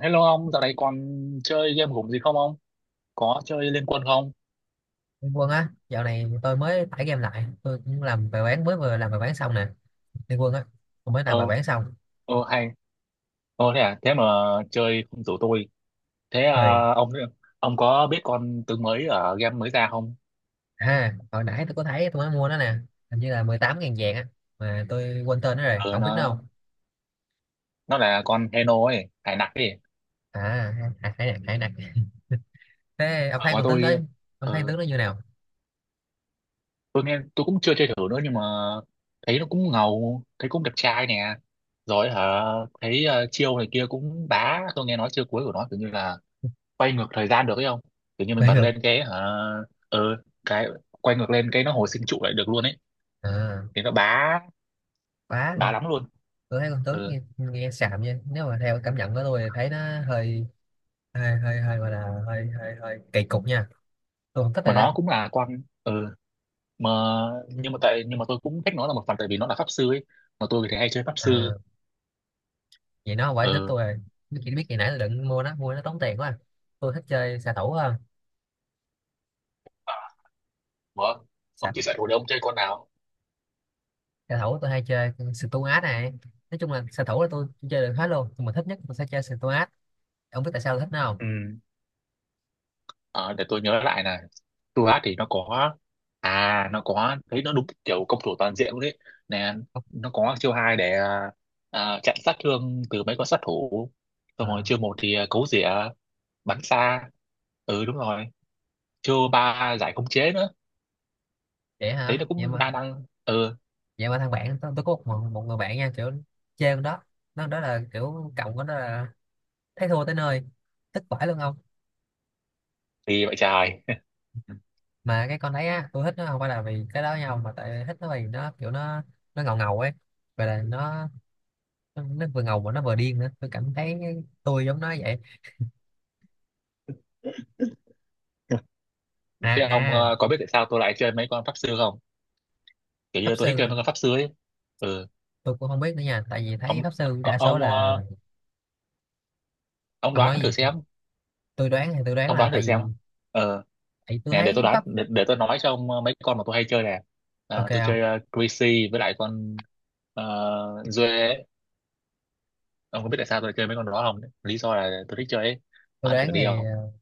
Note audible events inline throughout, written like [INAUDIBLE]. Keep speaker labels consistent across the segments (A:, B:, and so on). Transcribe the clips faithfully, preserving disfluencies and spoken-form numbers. A: Hello ông, dạo này còn chơi game gủng gì không ông? Có chơi Liên Quân không?
B: Liên Quân á, dạo này tôi mới tải
A: Ừ.
B: game lại, tôi cũng làm bài bán mới vừa làm bài bán xong nè, Liên Quân á, tôi mới
A: Ờ,
B: làm bài bán xong.
A: ờ hay. Ờ thế à, thế mà chơi không rủ tôi. Thế
B: Rồi,
A: à, ông ông có biết con tướng mới ở game mới ra không?
B: à, hồi nãy tôi có thấy tôi mới mua nó nè, hình như là mười tám nghìn vàng á, mà tôi quên tên nó rồi,
A: Ờ
B: ông biết nó
A: nó
B: không?
A: nó là con Heno ấy, hải nặc ấy.
B: À, hãy nè, hãy nè. Thế ông
A: Ờ,
B: thấy
A: mà
B: con tướng đó,
A: tôi
B: ông thấy
A: ờ,
B: tướng đó như nào?
A: tôi nghe tôi cũng chưa chơi thử nữa nhưng mà thấy nó cũng ngầu, thấy cũng đẹp trai nè. Rồi hả, thấy ờ, chiêu này kia cũng bá, tôi nghe nói chiêu cuối của nó kiểu như là quay ngược thời gian được ấy không? Kiểu như mình
B: Bây
A: bật
B: giờ,
A: lên cái hả? ờ cái quay ngược lên cái nó hồi sinh trụ lại được luôn ấy,
B: à,
A: thì nó bá
B: quá là,
A: bá lắm luôn.
B: tôi thấy con tướng
A: Ừ.
B: nghe, nghe xàm nha, nếu mà theo cảm nhận của tôi thì thấy nó hơi, hơi, hơi, hơi gọi là hơi, hơi, hơi kỳ cục nha, tôi không thích
A: Mà
B: rồi đó.
A: nó cũng là con ừ. mà nhưng mà tại nhưng mà tôi cũng thích nó là một phần tại vì nó là pháp sư ấy, mà tôi thì hay chơi pháp sư.
B: À, vậy nó quả thích
A: Ừ.
B: tôi rồi. Biết biết ngày nãy tôi định mua nó mua nó tốn tiền quá à. Tôi thích chơi xạ thủ hơn.
A: Ờ. Ủa, ông chia
B: Sao?
A: sẻ hồi đấy ông chơi con nào?
B: Xạ thủ tôi hay chơi Stuart này. Nói chung là xạ thủ là tôi chơi được hết luôn, nhưng mà thích nhất tôi sẽ chơi Stuart. Ông biết tại sao tôi thích nó không?
A: Ừ. Ờ, để tôi nhớ lại nè. Tôi hát thì nó có, à nó có, thấy nó đúng kiểu công thủ toàn diện luôn đấy nè.
B: Không.
A: Nó có chiêu hai để à, à, chặn sát thương từ mấy con sát thủ, xong
B: Ờ,
A: rồi chiêu một thì à, cấu rỉa, bắn xa. Ừ đúng rồi, chiêu ba giải khống chế nữa,
B: vậy
A: thấy
B: hả,
A: nó
B: vậy
A: cũng
B: mà
A: đa năng. Ừ
B: vậy mà thằng bạn tôi, tôi có một, một người bạn nha, kiểu chơi con đó, nó đó là kiểu cộng con đó là thấy thua tới nơi, thích vãi luôn không.
A: thì vậy trời. [LAUGHS]
B: Mà cái con đấy á, tôi thích nó không phải là vì cái đó nhau, mà tại thích nó vì nó kiểu nó nó ngầu ngầu ấy, và là nó, nó, nó vừa ngầu mà nó vừa điên nữa, tôi cảm thấy tôi giống nó vậy. À
A: Thế ông
B: à,
A: ờ, có biết tại sao tôi lại chơi mấy con pháp sư không? Kiểu như
B: pháp
A: tôi thích chơi
B: sư
A: mấy con pháp sư ấy. Ừ.
B: tôi cũng không biết nữa nha, tại vì thấy
A: ông
B: pháp sư
A: ờ,
B: đa số
A: ông
B: là.
A: ờ, ông
B: Ông
A: đoán
B: nói
A: thử
B: gì?
A: xem.
B: Tôi đoán thì tôi đoán
A: Ông
B: là
A: đoán
B: tại
A: thử xem.
B: vì
A: Ờ
B: tại tôi
A: nè, để
B: thấy
A: tôi đoán,
B: pháp.
A: để, để tôi nói cho ông ờ, mấy con mà tôi hay chơi nè.
B: Ok
A: À, tôi
B: không?
A: chơi ờ, Greasy với lại con uh, Duê ấy. Ông có biết tại sao tôi lại chơi mấy con đó không? Lý do là tôi thích chơi ấy.
B: Tôi
A: Đoán thử
B: đoán
A: đi
B: thì
A: ông.
B: ờ,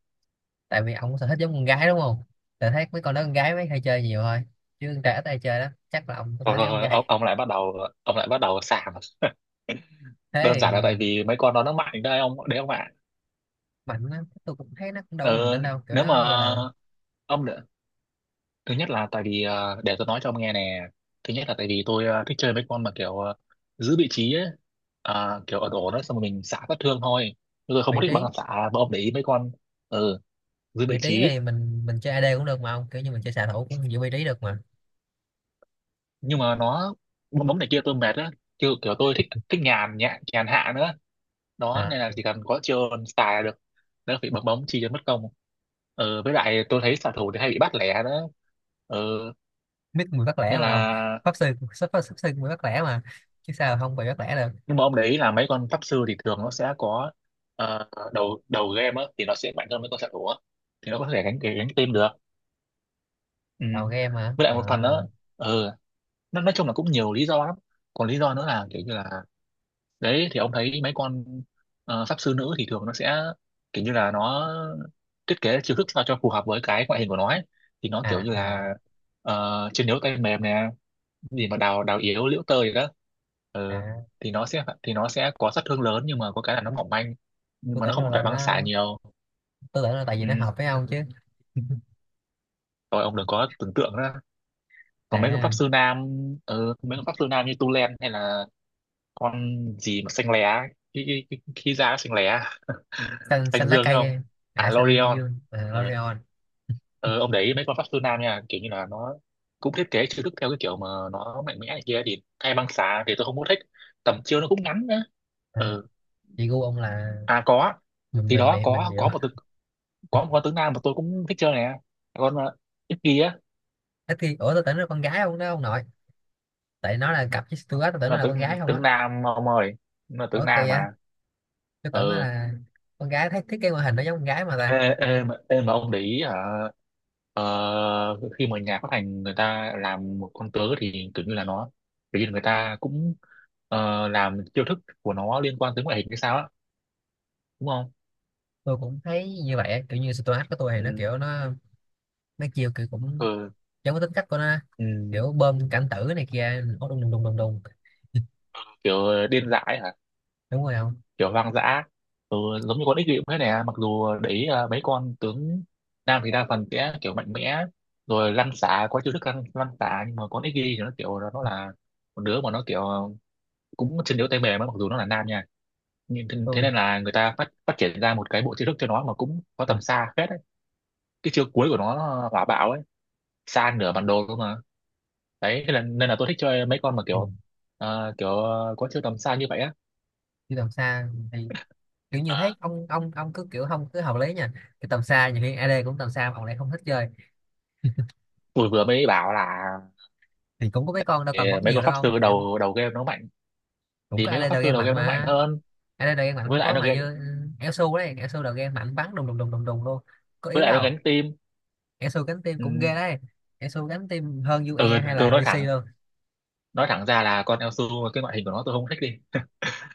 B: tại vì ông sở thích giống con gái đúng không? Tôi thấy mấy con đó con gái mới hay chơi nhiều thôi, chứ con trai ít hay chơi đó, chắc là ông có sở
A: Thôi,
B: thích
A: thôi,
B: giống con
A: thôi, ông
B: gái.
A: ông lại bắt đầu. Ông lại bắt đầu sảng. [LAUGHS]
B: [LAUGHS] Thế
A: Đơn giản là
B: thì
A: tại vì mấy con đó nó mạnh đấy ông, đấy ông ạ.
B: mạnh á, tôi cũng thấy nó cũng đâu có mạnh lắm
A: Ờ,
B: đâu, kiểu
A: nếu mà
B: nó gọi là
A: ông Thứ nhất là tại vì ờ, để tôi nói cho ông nghe nè. Thứ nhất là tại vì tôi ờ, thích chơi mấy con mà kiểu ờ, giữ vị trí ấy. à, kiểu ở đổ đó xong rồi mình xả sát thương thôi. Chứ tôi không
B: vị
A: có thích
B: trí.
A: băng xả, mà ông để ý mấy con. Ừ, giữ
B: Vị
A: vị
B: trí
A: trí.
B: thì mình mình chơi A D cũng được mà ông, kiểu như mình chơi xạ thủ cũng giữ vị trí được mà.
A: Nhưng mà nó bóng bóng này kia tôi mệt á. Kiểu, kiểu tôi thích thích nhàn nhẹ nhàn hạ nữa, đó
B: À,
A: nên là chỉ cần có chiêu xài là được, đỡ phải bấm bóng chi cho mất công. Ừ, với lại tôi thấy xạ thủ thì hay bị bắt lẻ đó. Ừ,
B: mít mùi bắt lẻ
A: nên
B: mà
A: là
B: không. Pháp sư, pháp, pháp, pháp sư mùi bắt lẻ mà, chứ sao không bị bắt lẻ được.
A: nhưng mà ông đấy, là mấy con pháp sư thì thường nó sẽ có ờ, đầu đầu game á thì nó sẽ mạnh hơn mấy con xạ thủ á, thì nó có thể gánh gánh team được. Ừ.
B: Đầu game mà
A: Với lại
B: à.
A: một phần nữa. Ừ, nó nói chung là cũng nhiều lý do lắm. Còn lý do nữa là kiểu như là đấy thì ông thấy mấy con ờ, pháp sư nữ thì thường nó sẽ kiểu như là nó thiết kế chiêu thức sao cho phù hợp với cái ngoại hình của nó ấy. Thì nó kiểu
B: À
A: như
B: à,
A: là ờ, chiến đấu tay mềm nè, gì mà đào đào yếu liễu tơi đó. Ừ.
B: à.
A: thì nó sẽ thì nó sẽ có sát thương lớn nhưng mà có cái là nó mỏng manh, nhưng
B: Tôi
A: mà nó
B: tưởng
A: không
B: đâu
A: có phải
B: là
A: băng xả
B: nó,
A: nhiều.
B: tôi tưởng là tại vì
A: Ừ.
B: nó hợp với ông chứ. [LAUGHS]
A: Rồi ông đừng có tưởng tượng đó. Còn mấy con pháp
B: À
A: sư nam. Ừ, mấy con pháp sư nam như tu len hay là con gì mà xanh lé, cái cái cái, cái da nó xanh lé.
B: xanh
A: [LAUGHS]
B: xanh
A: Xanh
B: lá
A: dương ấy không?
B: cây. À
A: À
B: xanh
A: Lorion.
B: dương à,
A: Ừ.
B: L'Oreal.
A: Ừ, ông để ý mấy con pháp sư nam nha kiểu như là nó cũng thiết kế chiêu thức theo cái kiểu mà nó mạnh mẽ này kia thì hay băng xả, thì tôi không có thích. Tầm chiêu nó cũng ngắn nữa.
B: À,
A: Ừ.
B: chị gu ông là
A: À có,
B: mềm
A: thì
B: mềm
A: đó
B: mềm mềm
A: có
B: dịu.
A: có một tướng, có một con tướng nam mà tôi cũng thích chơi nè. Con ờ, ít kia á,
B: Ít khi ủa, tôi tưởng nó là con gái ông, đó ông nội. Tại nó là cặp với Stuart tôi tưởng nó
A: là
B: là con
A: tướng
B: gái không
A: tướng
B: á.
A: nam mà ông ơi. Là tướng
B: Ủa kỳ
A: nam mà.
B: vậy, tôi tưởng nó
A: Ừ.
B: là con gái, thấy thiết kế ngoại hình nó giống con gái mà ta.
A: ê, ê, mà, ê mà ông để ý hả? ờ, khi mà nhà phát hành người ta làm một con tướng thì kiểu như là nó, kiểu như là người ta cũng ờ, làm chiêu thức của nó liên quan tới ngoại hình hay sao á, đúng không?
B: Tôi cũng thấy như vậy á, kiểu như Stuart của tôi thì nó
A: Ừ.
B: kiểu nó mấy chiêu kiểu cũng
A: Ừ.
B: giống cái tính cách của nó á.
A: Ừ,
B: Kiểu bơm cảnh tử này kia nó đùng đùng đùng đùng đùng.
A: kiểu ờ, điên dại hả?
B: Đúng rồi không.
A: Kiểu hoang dã. Ừ, giống như con ích bịu thế này à. Mặc dù đấy, à mấy con tướng nam thì đa phần sẽ kiểu mạnh mẽ, rồi lăn xả có chiêu thức lăn, lăn xả nhưng mà con ích thì nó kiểu nó là một đứa mà nó kiểu cũng chân yếu tay mềm á, mặc dù nó là nam nha. Nhưng thế thế
B: Tôi
A: nên là người ta phát phát triển ra một cái bộ chiêu thức cho nó mà cũng có
B: à,
A: tầm xa phết ấy. Cái chiêu cuối của nó hỏa bạo ấy, xa nửa bản đồ cơ mà. Đấy thế là, nên là tôi thích chơi mấy con mà
B: thì
A: kiểu à, kiểu có chiêu tầm xa như vậy á.
B: đi tầm xa thì kiểu như thế,
A: Ờ,
B: ông ông ông cứ kiểu không cứ hợp lý nha. Cái tầm xa nhiều khi A D cũng tầm xa mà ông lại không thích chơi.
A: tôi vừa mới bảo là
B: Thì cũng có mấy con đâu
A: thì
B: cần bóc
A: mấy
B: nhiều
A: con pháp
B: đâu không
A: sư
B: kiểu.
A: đầu đầu game nó mạnh,
B: Cũng
A: thì
B: có
A: mấy con
B: A D
A: pháp
B: đầu game
A: sư đầu
B: mạnh
A: game nó mạnh
B: mà.
A: hơn.
B: A D đầu game mạnh
A: với
B: cũng
A: lại
B: có
A: nó
B: mà,
A: gánh-
B: như ừ, Elsu đấy, Elsu đầu game mạnh bắn đùng đùng đùng đùng đùng luôn, có
A: với
B: yếu
A: lại nó
B: đâu.
A: gánh team.
B: Elsu cánh tim
A: Ừ,
B: cũng ghê đấy. Elsu cánh tim hơn u e
A: ừ
B: hay
A: tôi
B: là
A: nói
B: rê xê
A: thẳng
B: luôn.
A: nói thẳng ra là con Elsu cái ngoại hình của nó tôi không thích đi.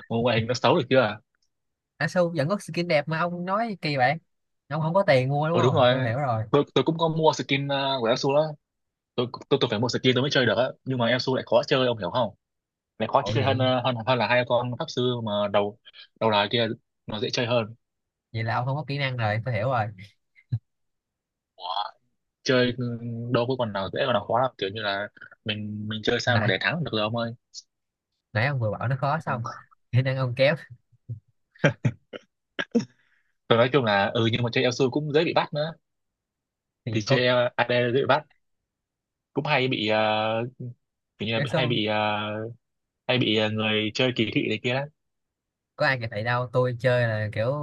A: Một ngoại hình nó xấu được chưa?
B: Á su vẫn có skin đẹp mà ông nói kỳ vậy, ông không có tiền mua đúng
A: Ừ đúng
B: không, tôi
A: rồi.
B: hiểu rồi.
A: Tôi, tôi cũng có mua skin ờ, của Elsu đó. Tôi, tôi tôi phải mua skin tôi mới chơi được á, nhưng mà Elsu lại khó chơi ông hiểu không? Lại khó
B: Ủa
A: chơi hơn
B: vậy,
A: ờ, hơn hơn là hai con pháp sư mà đầu đầu là kia. Nó dễ chơi hơn.
B: vậy là ông không có kỹ năng rồi, tôi hiểu rồi.
A: Chơi ừ, đâu có còn nào dễ còn nào khó lắm, kiểu như là mình mình chơi sao mà
B: nãy
A: để thắng được rồi ông ơi.
B: nãy ông vừa bảo nó khó
A: Ừ.
B: xong, [LAUGHS] kỹ năng ông kém.
A: Rồi nói chung là ừ, nhưng mà chơi Elsu cũng dễ bị bắt nữa.
B: Thì
A: Thì
B: có
A: chơi a đê dễ bị bắt, cũng hay bị ờ, kiểu như là
B: á
A: hay
B: su.
A: bị ờ, hay bị ờ, người chơi kỳ thị này kia lắm.
B: Có ai kịp thầy đâu, tôi chơi là kiểu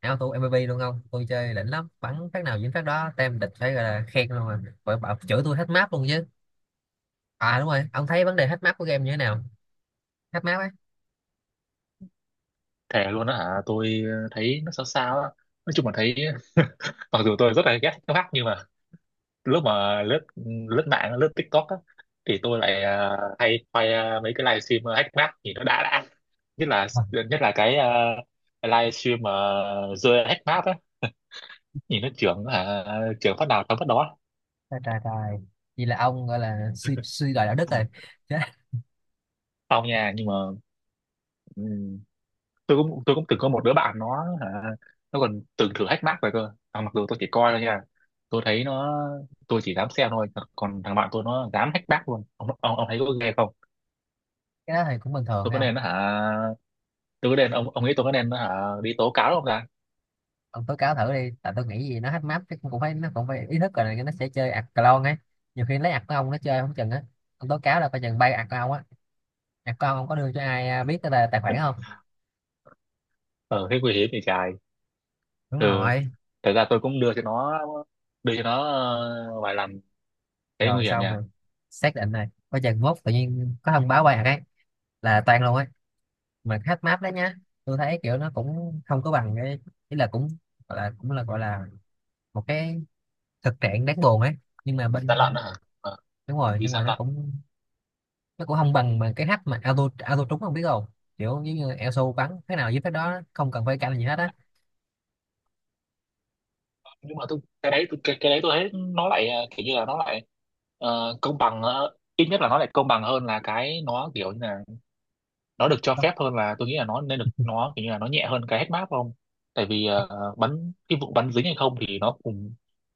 B: auto M V P luôn không, tôi chơi đỉnh lắm, bắn phát nào dính phát đó, tem địch phải gọi là khen luôn, mà phải bảo chửi tôi hết map luôn chứ. À đúng rồi, ông thấy vấn đề hết map của game như thế nào? Hết map á.
A: Thề luôn đó hả? Tôi thấy nó sao sao á. Nói chung là thấy, mặc dù tôi rất là ghét nó hack nhưng mà lúc mà lướt lướt mạng, lướt TikTok á thì tôi lại ờ, hay quay ờ, mấy cái livestream hack map thì nó đã đã. Nhất là
B: Ờ,
A: nhất là cái uh, livestream mà rơi hack map á, nhìn nó trưởng hả? Trưởng phát nào thắng phát đó.
B: trời trời trời, vậy là ông gọi là suy suy đồi đạo đức rồi cái.
A: Xong nha, nhưng mà. Ừ. tôi cũng tôi cũng từng có một đứa bạn nó hả, nó còn từng thử hack Mac rồi cơ à. Mặc dù tôi chỉ coi thôi nha, tôi thấy nó tôi chỉ dám xem thôi. Còn thằng bạn tôi nó dám hack Mac luôn. Ông ông, ông thấy có ghê không?
B: Cái đó thì cũng bình thường
A: Tôi
B: thấy
A: có
B: không.
A: nên nó hả tôi có nên Ông ông nghĩ tôi có nên nó hả, đi tố cáo không ta?
B: Ông tố cáo thử đi, tại tôi nghĩ gì nó hack map chứ, cũng phải nó cũng phải ý thức rồi này, nó sẽ chơi ạc clone ấy. Nhiều khi lấy ạc của ông nó chơi không chừng á. Ông tố cáo là coi chừng bay ạc của ông á. Ạc của ông ông có đưa cho ai à, biết cái tài tài khoản không?
A: Ờ thế nguy hiểm thì trời.
B: Đúng
A: Ừ,
B: rồi.
A: thật ra tôi cũng đưa cho nó, đưa cho nó ờ, vài lần, thấy
B: Rồi
A: nguy hiểm
B: xong
A: nha.
B: rồi, xác định này, coi chừng mốt tự nhiên có thông báo bay ạc ấy, là toan luôn ấy. Mà hack map đấy nhá, tôi thấy kiểu nó cũng không có bằng cái ý là cũng gọi là cũng là gọi là một cái thực trạng đáng buồn ấy, nhưng mà
A: Gian lận
B: bên
A: đó hả? ờ,
B: đúng rồi
A: đi
B: nhưng mà
A: gian
B: nó
A: lận.
B: cũng, nó cũng không bằng bằng cái hack mà auto auto trúng không biết không, kiểu giống như E S O bắn thế nào giết cái đó không cần phải canh gì hết á.
A: Nhưng mà tôi cái đấy tôi cái, cái đấy tôi thấy nó lại ờ, kiểu như là nó lại ờ, công bằng, ờ, ít nhất là nó lại công bằng hơn là cái nó kiểu như là nó được cho
B: Không.
A: phép hơn, là tôi nghĩ là nó nên được,
B: [LAUGHS]
A: nó kiểu như là nó nhẹ hơn cái head map không? Tại vì ờ, bắn cái vụ bắn dính hay không thì nó cùng,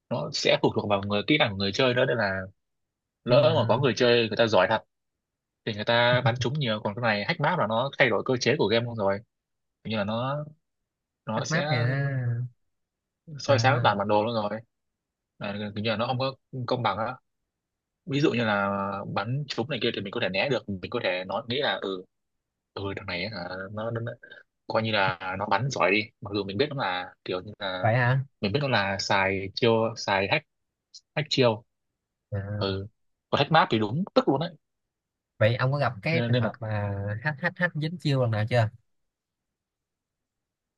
A: nó sẽ phụ thuộc vào người kỹ năng của người chơi nữa, nên là
B: Nhưng
A: lỡ mà có
B: mà
A: người chơi người ta giỏi thật thì người ta bắn trúng nhiều. Còn cái này hack map là nó thay đổi cơ chế của game luôn rồi, kiểu như là nó nó
B: hack map
A: sẽ
B: thì nó
A: soi sáng
B: à.
A: toàn bản đồ luôn rồi. Là kiểu như là nó không có công bằng á. Ví dụ như là bắn trúng này kia thì mình có thể né được, mình có thể nói nghĩ là ừ, ừ thằng này ấy hả, nó, nó, nó coi như là nó bắn giỏi đi, mặc dù mình biết nó là kiểu như là
B: Vậy hả.
A: mình biết nó là xài chiêu, xài hack, hack chiêu.
B: À.
A: Ừ, còn hack map thì đúng tức luôn đấy.
B: Vậy ông có gặp cái
A: nên,
B: trường
A: nên là
B: hợp mà hack hack hack dính chiêu lần nào chưa?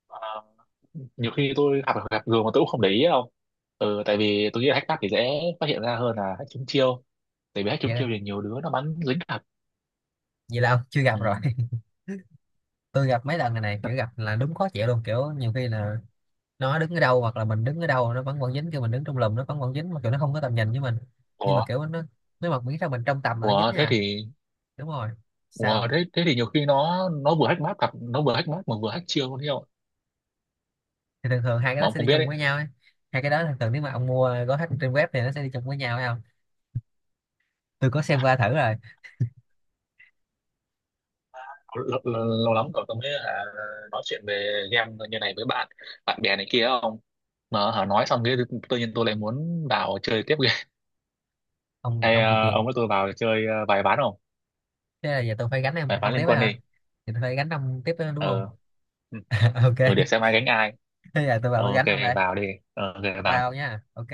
A: à, nhiều khi tôi gặp gặp gường mà tôi cũng không để ý đâu. Ừ, tại vì tôi nghĩ là hack map thì dễ phát hiện ra hơn là hack trúng chiêu, tại vì hack trúng
B: Vậy
A: chiêu thì nhiều đứa nó bắn dính thật.
B: vậy là ông chưa gặp
A: Ừ.
B: rồi. [LAUGHS] Tôi gặp mấy lần này này, kiểu
A: [LAUGHS]
B: gặp là đúng khó chịu luôn, kiểu nhiều khi là nó đứng ở đâu hoặc là mình đứng ở đâu nó vẫn còn dính, kêu mình đứng trong lùm nó vẫn còn dính, mà kiểu nó không có tầm nhìn với mình, nhưng
A: Ủa,
B: mà kiểu nó, nếu mà miễn sao mình trong tầm là nó dính
A: ủa thế
B: nha.
A: thì.
B: Đúng rồi.
A: Ủa,
B: Sao?
A: thế, thế thì nhiều khi nó nó vừa hack map cặp nó vừa hack map mà vừa hack chiêu luôn, hiểu không?
B: Thì thường thường hai cái
A: Mà
B: đó
A: ông
B: sẽ
A: không
B: đi
A: biết
B: chung
A: đấy.
B: với nhau ấy. Hai cái đó thường thường nếu mà ông mua gói hết trên web thì nó sẽ đi chung với nhau phải không, tôi có xem qua thử rồi.
A: Lâu, lâu, lâu lắm rồi tôi mới hả nói chuyện về game như này với bạn bạn bè này kia không. Mà hả nói xong cái tự nhiên tôi lại muốn vào chơi tiếp game.
B: Ông
A: Hay
B: ông bị
A: ờ, ông
B: kiện,
A: với tôi vào chơi ờ, vài ván không?
B: thế là giờ tôi phải gánh em
A: Vài ván
B: ông
A: liên
B: tiếp á
A: quân
B: hả,
A: đi.
B: thì tôi phải gánh ông tiếp đó, đúng
A: Ờ.
B: không.
A: Ừ.
B: [LAUGHS]
A: Ừ,
B: Ok.
A: để xem ai gánh ai.
B: Thế giờ tôi vào
A: Ờ,
B: tôi
A: ok
B: gánh ông đây.
A: vào đi. Ờ, ok vào
B: Bao
A: đi.
B: nha ok.